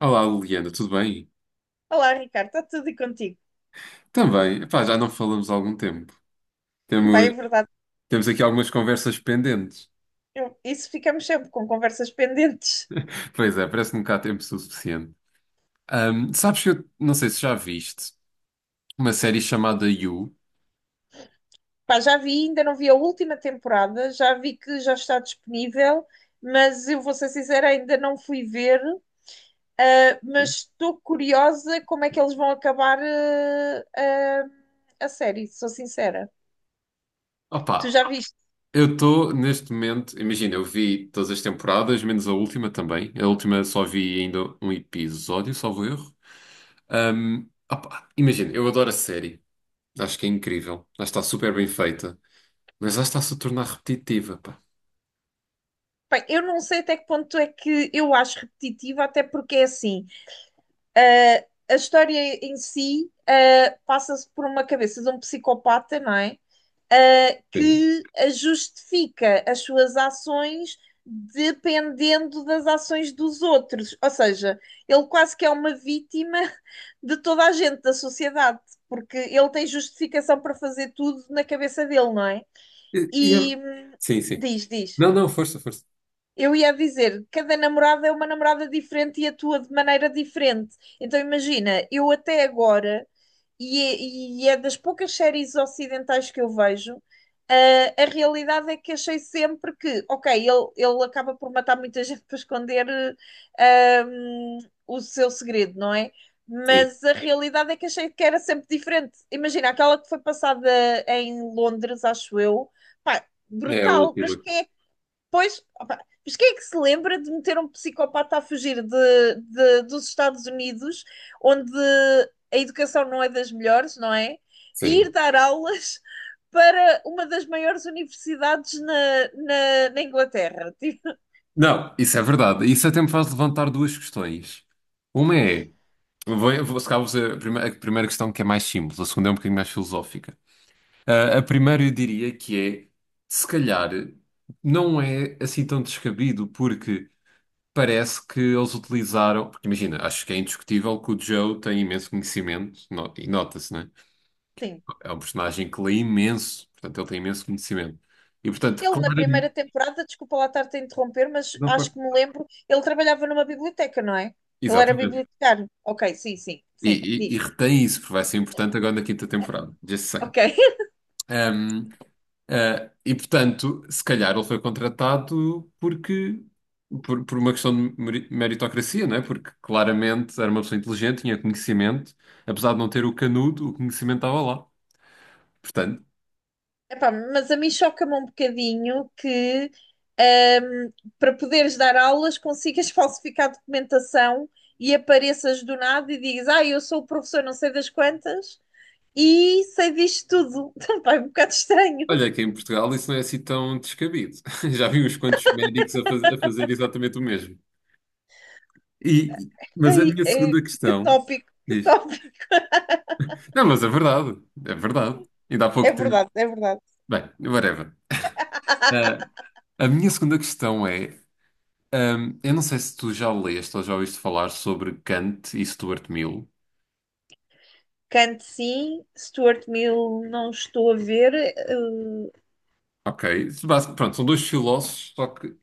Olá, Liliana, tudo bem? Olá, Ricardo, está tudo e contigo? Também. Epá, já não falamos há algum tempo. Pá, é Temos, verdade, Temos aqui algumas conversas pendentes. Isso ficamos sempre com conversas pendentes. Pois é, parece que nunca há tempo suficiente. Sabes que eu não sei se já viste uma série chamada You. Pá, já vi, ainda não vi a última temporada, já vi que já está disponível, mas eu vou ser sincera, ainda não fui ver, mas estou curiosa como é que eles vão acabar, a série, sou sincera. Tu Opa, já viste? eu estou neste momento, imagina, eu vi todas as temporadas, menos a última também. A última só vi ainda um episódio, salvo erro. Imagina, eu adoro a série. Acho que é incrível. Acho que está super bem feita. Mas acho que está-se a tornar repetitiva, pá. Bem, eu não sei até que ponto é que eu acho repetitiva, até porque é assim, ah, a história em si, passa-se por uma cabeça de um psicopata, não é? Sim. Que justifica as suas ações dependendo das ações dos outros. Ou seja, ele quase que é uma vítima de toda a gente da sociedade, porque ele tem justificação para fazer tudo na cabeça dele, não é? E, é. E Sim, sim. diz. Não, não, força, força. Eu ia dizer, cada namorada é uma namorada diferente e atua de maneira diferente. Então imagina, eu até agora e é, e é das poucas séries ocidentais que eu vejo. Ah, a realidade é que achei sempre que, ok, ele acaba por matar muita gente para esconder eh, ahm, o seu segredo, não é? Sim, Mas a realidade é que achei que era sempre diferente. Imagina, aquela que foi passada em Londres, acho eu, pá, é a brutal, mas última. quem é. Pois, opa, mas quem é que se lembra de meter um psicopata a fugir dos Estados Unidos, onde a educação não é das melhores, não é? E Sim. ir dar aulas para uma das maiores universidades na Inglaterra. Tipo, Não, isso é verdade. Isso até me faz levantar duas questões. Uma é, se calhar vou fazer a primeira questão, que é mais simples. A segunda é um bocadinho mais filosófica. Ah, a primeira eu diria que é, se calhar, não é assim tão descabido, porque parece que eles utilizaram. Porque imagina, acho que é indiscutível que o Joe tem imenso conhecimento, e nota-se, né? sim. É um personagem que lê imenso, portanto, ele tem imenso conhecimento. E, portanto, Ele, na claro, primeira temporada, desculpa lá estar-te a interromper, mas não for. acho que me lembro, ele trabalhava numa biblioteca, não é? Ele era Exatamente. bibliotecário. Ok, sim, sim, E, sim, e diz. retém isso, porque vai ser importante agora na quinta temporada. Just saying. Ok. Um, e portanto, se calhar ele foi contratado porque por uma questão de meritocracia, não é? Porque claramente era uma pessoa inteligente, tinha conhecimento, apesar de não ter o canudo, o conhecimento estava lá. Portanto, Epá, mas a mim choca-me um bocadinho que ahm, para poderes dar aulas consigas falsificar documentação e apareças do nada e digas, ah, eu sou o professor não sei das quantas e sei disto tudo. Epá, é um bocado estranho. olha que em Portugal isso não é assim tão descabido. Já vi uns quantos médicos a, a fazer exatamente o mesmo. E, mas a Ai, minha segunda que questão, tópico, que diz. tópico. Não, mas é verdade, é verdade. E dá pouco É tempo. verdade, é verdade. Bem, whatever. Ah, a minha segunda questão é: eu não sei se tu já leste ou já ouviste falar sobre Kant e Stuart Mill. Kant sim, Stuart Mill não estou a ver. Ok. Pronto, são dois filósofos, só que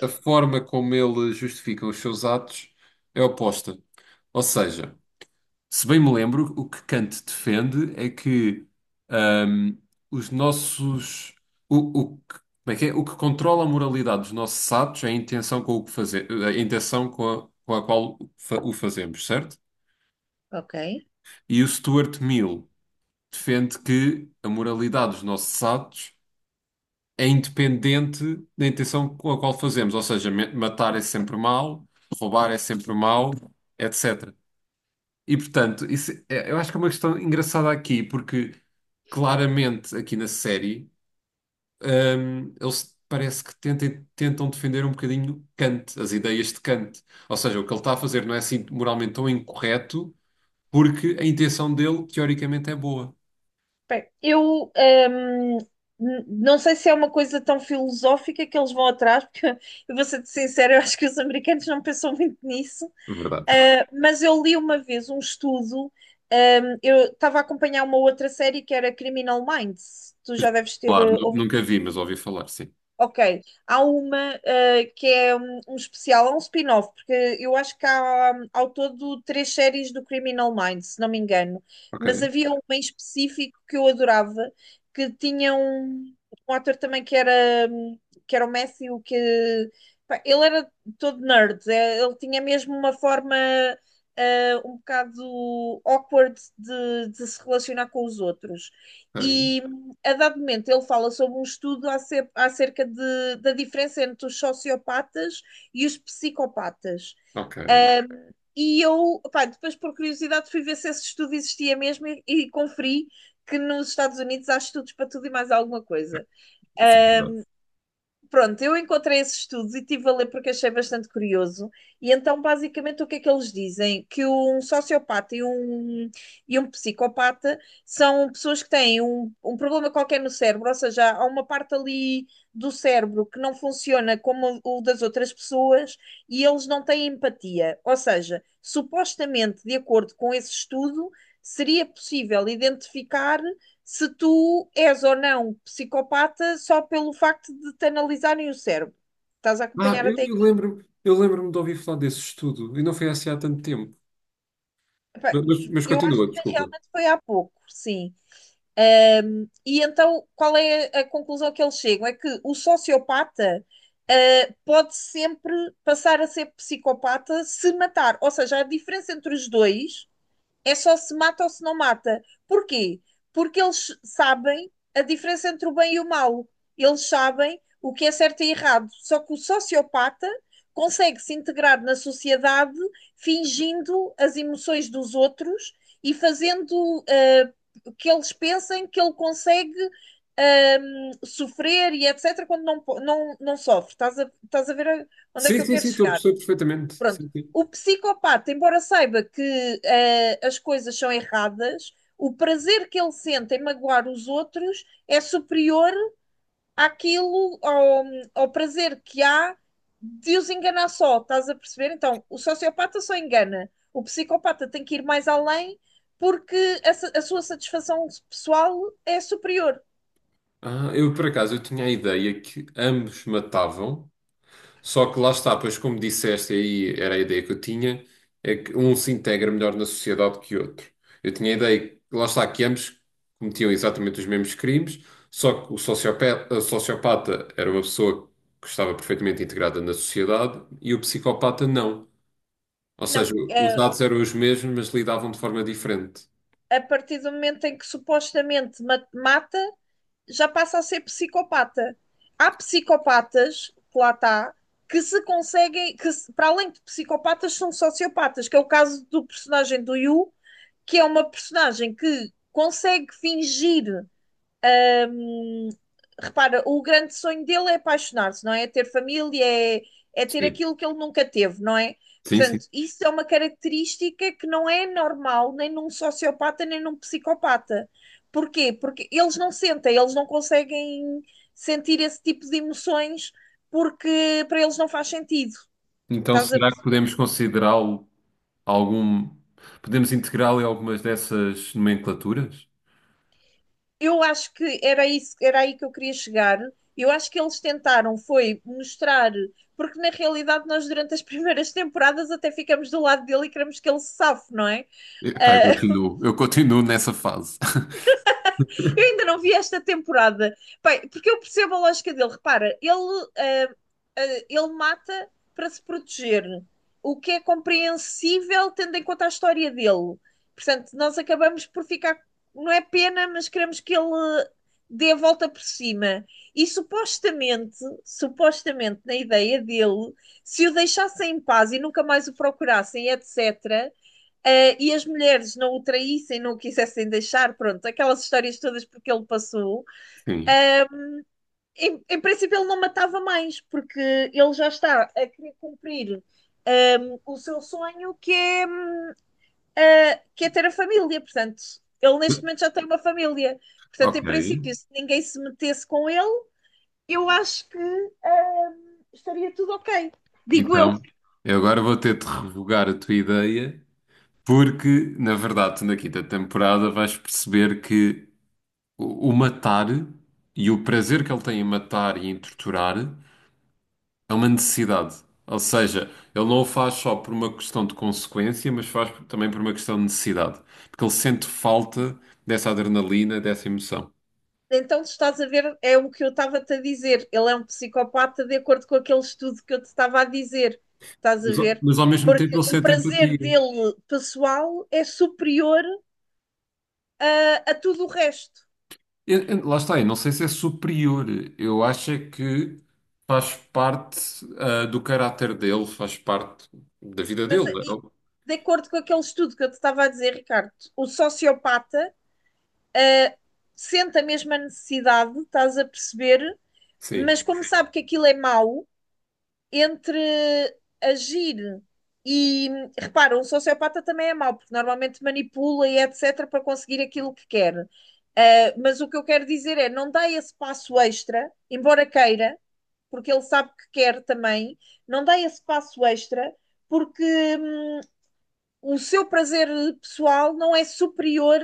a forma como eles justificam os seus atos é oposta. Ou seja, se bem me lembro, o que Kant defende é que ahm, os nossos. O, o que, como é que é? O que controla a moralidade dos nossos atos é a intenção com o que fazer, a intenção com a qual o fazemos, certo? Ok. E o Stuart Mill defende que a moralidade dos nossos atos é independente da intenção com a qual fazemos, ou seja, matar é sempre mal, roubar é sempre mal, etc. E portanto, eu acho que é uma questão engraçada aqui, porque claramente aqui na série, eles tentam defender um bocadinho Kant, as ideias de Kant. Ou seja, o que ele está a fazer não é assim moralmente tão incorreto, porque a intenção dele teoricamente é boa. Bem, eu não sei se é uma coisa tão filosófica que eles vão atrás, porque eu vou ser sincera, eu acho que os americanos não pensam muito nisso. Verdade. Ah, mas eu li uma vez um estudo, eu estava a acompanhar uma outra série que era Criminal Minds, tu já deves ter Claro, ouvido. nunca vi, mas ouvi falar, sim. Ok, há uma que é um especial, há um spin-off, porque eu acho que há ao todo três séries do Criminal Minds, se não me engano, mas Ok, havia uma em específico que eu adorava, que tinha um ator também que era o Matthew, que pá, ele era todo nerd, é, ele tinha mesmo uma forma um bocado awkward de se relacionar com os outros. ok, A dado momento ele fala sobre um estudo acerca da diferença entre os sociopatas e os psicopatas. ok. Ahm, e eu, pá, depois por curiosidade fui ver se esse estudo existia mesmo e conferi que nos Estados Unidos há estudos para tudo e mais alguma coisa. Isso é verdade. Uh, Pronto, eu encontrei esses estudos e estive a ler porque achei bastante curioso. E então, basicamente, o que é que eles dizem? Que e um psicopata são pessoas que têm um problema qualquer no cérebro, ou seja, há uma parte ali do cérebro que não funciona como o das outras pessoas e eles não têm empatia. Ou seja, supostamente, de acordo com esse estudo, seria possível identificar se tu és ou não psicopata só pelo facto de te analisarem o cérebro. Estás a acompanhar até Eu aqui? lembro, eu lembro-me de ouvir falar desse estudo, e não foi assim há tanto tempo. Epá, Mas eu acho continua, que desculpa. realmente foi há pouco, sim. E então, qual é a conclusão que eles chegam? É que o sociopata, ah, pode sempre passar a ser psicopata se matar. Ou seja, a diferença entre os dois é só se mata ou se não mata. Porquê? Porque eles sabem a diferença entre o bem e o mal. Eles sabem o que é certo e errado. Só que o sociopata consegue se integrar na sociedade fingindo as emoções dos outros e fazendo que eles pensem que ele consegue ah, sofrer e etc. quando não, não sofre. Estás a ver onde é Sim, que eu sim, quero sim, estou a chegar? perceber perfeitamente. Pronto. Sim, sim. O psicopata, embora saiba que as coisas são erradas, o prazer que ele sente em magoar os outros é superior àquilo, ao, ao prazer que há de os enganar só, estás a perceber? Então, o sociopata só engana, o psicopata tem que ir mais além porque a sua satisfação pessoal é superior. Ah, eu Por acaso eu tinha a ideia que ambos matavam, só que lá está, pois como disseste aí, era a ideia que eu tinha, é que um se integra melhor na sociedade que o outro. Eu tinha a ideia, que, lá está, que ambos cometiam exatamente os mesmos crimes, só que o sociopata era uma pessoa que estava perfeitamente integrada na sociedade e o psicopata não. Ou Não, seja, os é, dados eram os mesmos, mas lidavam de forma diferente. a partir do momento em que supostamente mata, já passa a ser psicopata. Há psicopatas, que lá está, que se conseguem, que se- para além de psicopatas, são sociopatas, que é o caso do personagem do Yu, que é uma personagem que consegue fingir. Ahm, repara, o grande sonho dele é apaixonar-se, não é? É ter Sim, aquilo que ele nunca teve, não é? sim, sim. Portanto, isso é uma característica que não é normal nem num sociopata nem num psicopata. Porquê? Porque eles não sentem, eles não conseguem sentir esse tipo de emoções porque para eles não faz sentido. Então, Estás a será que perceber? podemos considerá-lo algum. Podemos integrá-lo em algumas dessas nomenclaturas? Eu acho que era isso, era aí que eu queria chegar. Eu acho que eles tentaram foi mostrar, porque na realidade nós durante as primeiras temporadas até ficamos do lado dele e queremos que ele se safe, não é? Epá, Ah, eu continuo nessa fase. eu ainda não vi esta temporada. Bem, porque eu percebo a lógica dele. Repara, ah, ele mata para se proteger, o que é compreensível tendo em conta a história dele. Portanto, nós acabamos por ficar. Não é pena, mas queremos que ele dê a volta por cima. E supostamente, na ideia dele, se o deixassem em paz e nunca mais o procurassem, etc., e as mulheres não o traíssem, não o quisessem deixar, pronto, aquelas histórias todas porque ele passou. Sim. Em princípio, ele não matava mais, porque ele já está a querer cumprir o seu sonho, que é ter a família. Portanto, ele neste momento já tem uma família. Portanto, em Ok. princípio, se ninguém se metesse com ele, eu acho que estaria tudo ok. Digo eu. Então, eu agora vou ter de revogar a tua ideia, porque, na verdade, tu na quinta temporada vais perceber que o matar e o prazer que ele tem em matar e em torturar. É uma necessidade. Ou seja, ele não o faz só por uma questão de consequência, mas faz também por uma questão de necessidade. Porque ele sente falta dessa adrenalina, dessa emoção. Então, tu estás a ver, é o que eu estava-te a dizer. Ele é um psicopata de acordo com aquele estudo que eu te estava a dizer. Estás a Mas, ver? mas ao mesmo tempo Porque ele o sente prazer empatia. dele pessoal é superior a tudo o resto. Lá está, eu não sei se é superior. Eu acho é que faz parte, do caráter dele, faz parte da vida Mas dele. e de acordo com aquele estudo que eu te estava a dizer, Ricardo, o sociopata sente a mesma necessidade, estás a perceber, Sim. mas como sabe que aquilo é mau, entre agir e, repara, um sociopata também é mau, porque normalmente manipula e etc. para conseguir aquilo que quer. Mas o que eu quero dizer é, não dá esse passo extra, embora queira, porque ele sabe que quer também, não dá esse passo extra, porque hum, o seu prazer pessoal não é superior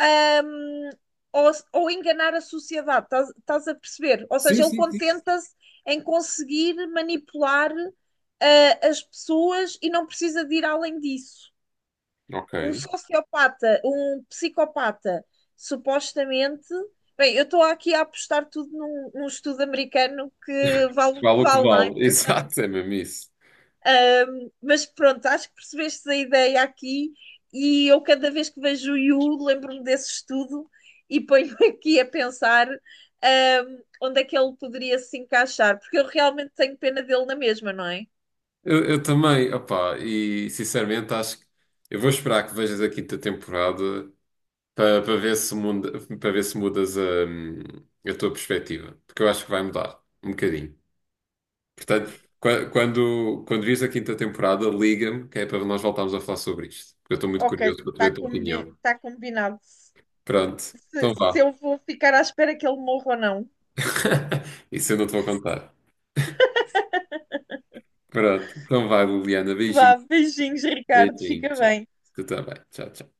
hum, ao enganar a sociedade, estás a perceber? Ou Sim, seja, ele sim, sim. contenta-se em conseguir manipular as pessoas e não precisa de ir além disso. Um Ok. sociopata, um psicopata, supostamente. Bem, eu estou aqui a apostar tudo num estudo americano que vale o que Vale o que vale, não é? vale. Atenção. Exato, é mesmo isso. Um, mas pronto, acho que percebeste a ideia aqui e eu cada vez que vejo o Yu lembro-me desse estudo e ponho-me aqui a pensar um, onde é que ele poderia se encaixar, porque eu realmente tenho pena dele na mesma, não é? Eu também, opá, e sinceramente acho que eu vou esperar que vejas a quinta temporada para ver se muda, para ver se mudas a tua perspectiva, porque eu acho que vai mudar um bocadinho. Portanto, quando vires a quinta temporada, liga-me, que é para nós voltarmos a falar sobre isto, porque eu estou muito Ok, curioso para te está ver a tua combi opinião. tá combinado. Pronto, se, então se vá. eu vou ficar à espera que ele morra ou não. Isso eu não te vou contar. Pronto, então vá, Liliana, beijinho, Vá, beijinhos, Ricardo, beijinho, fica tchau. bem. Tu também, tchau, tchau.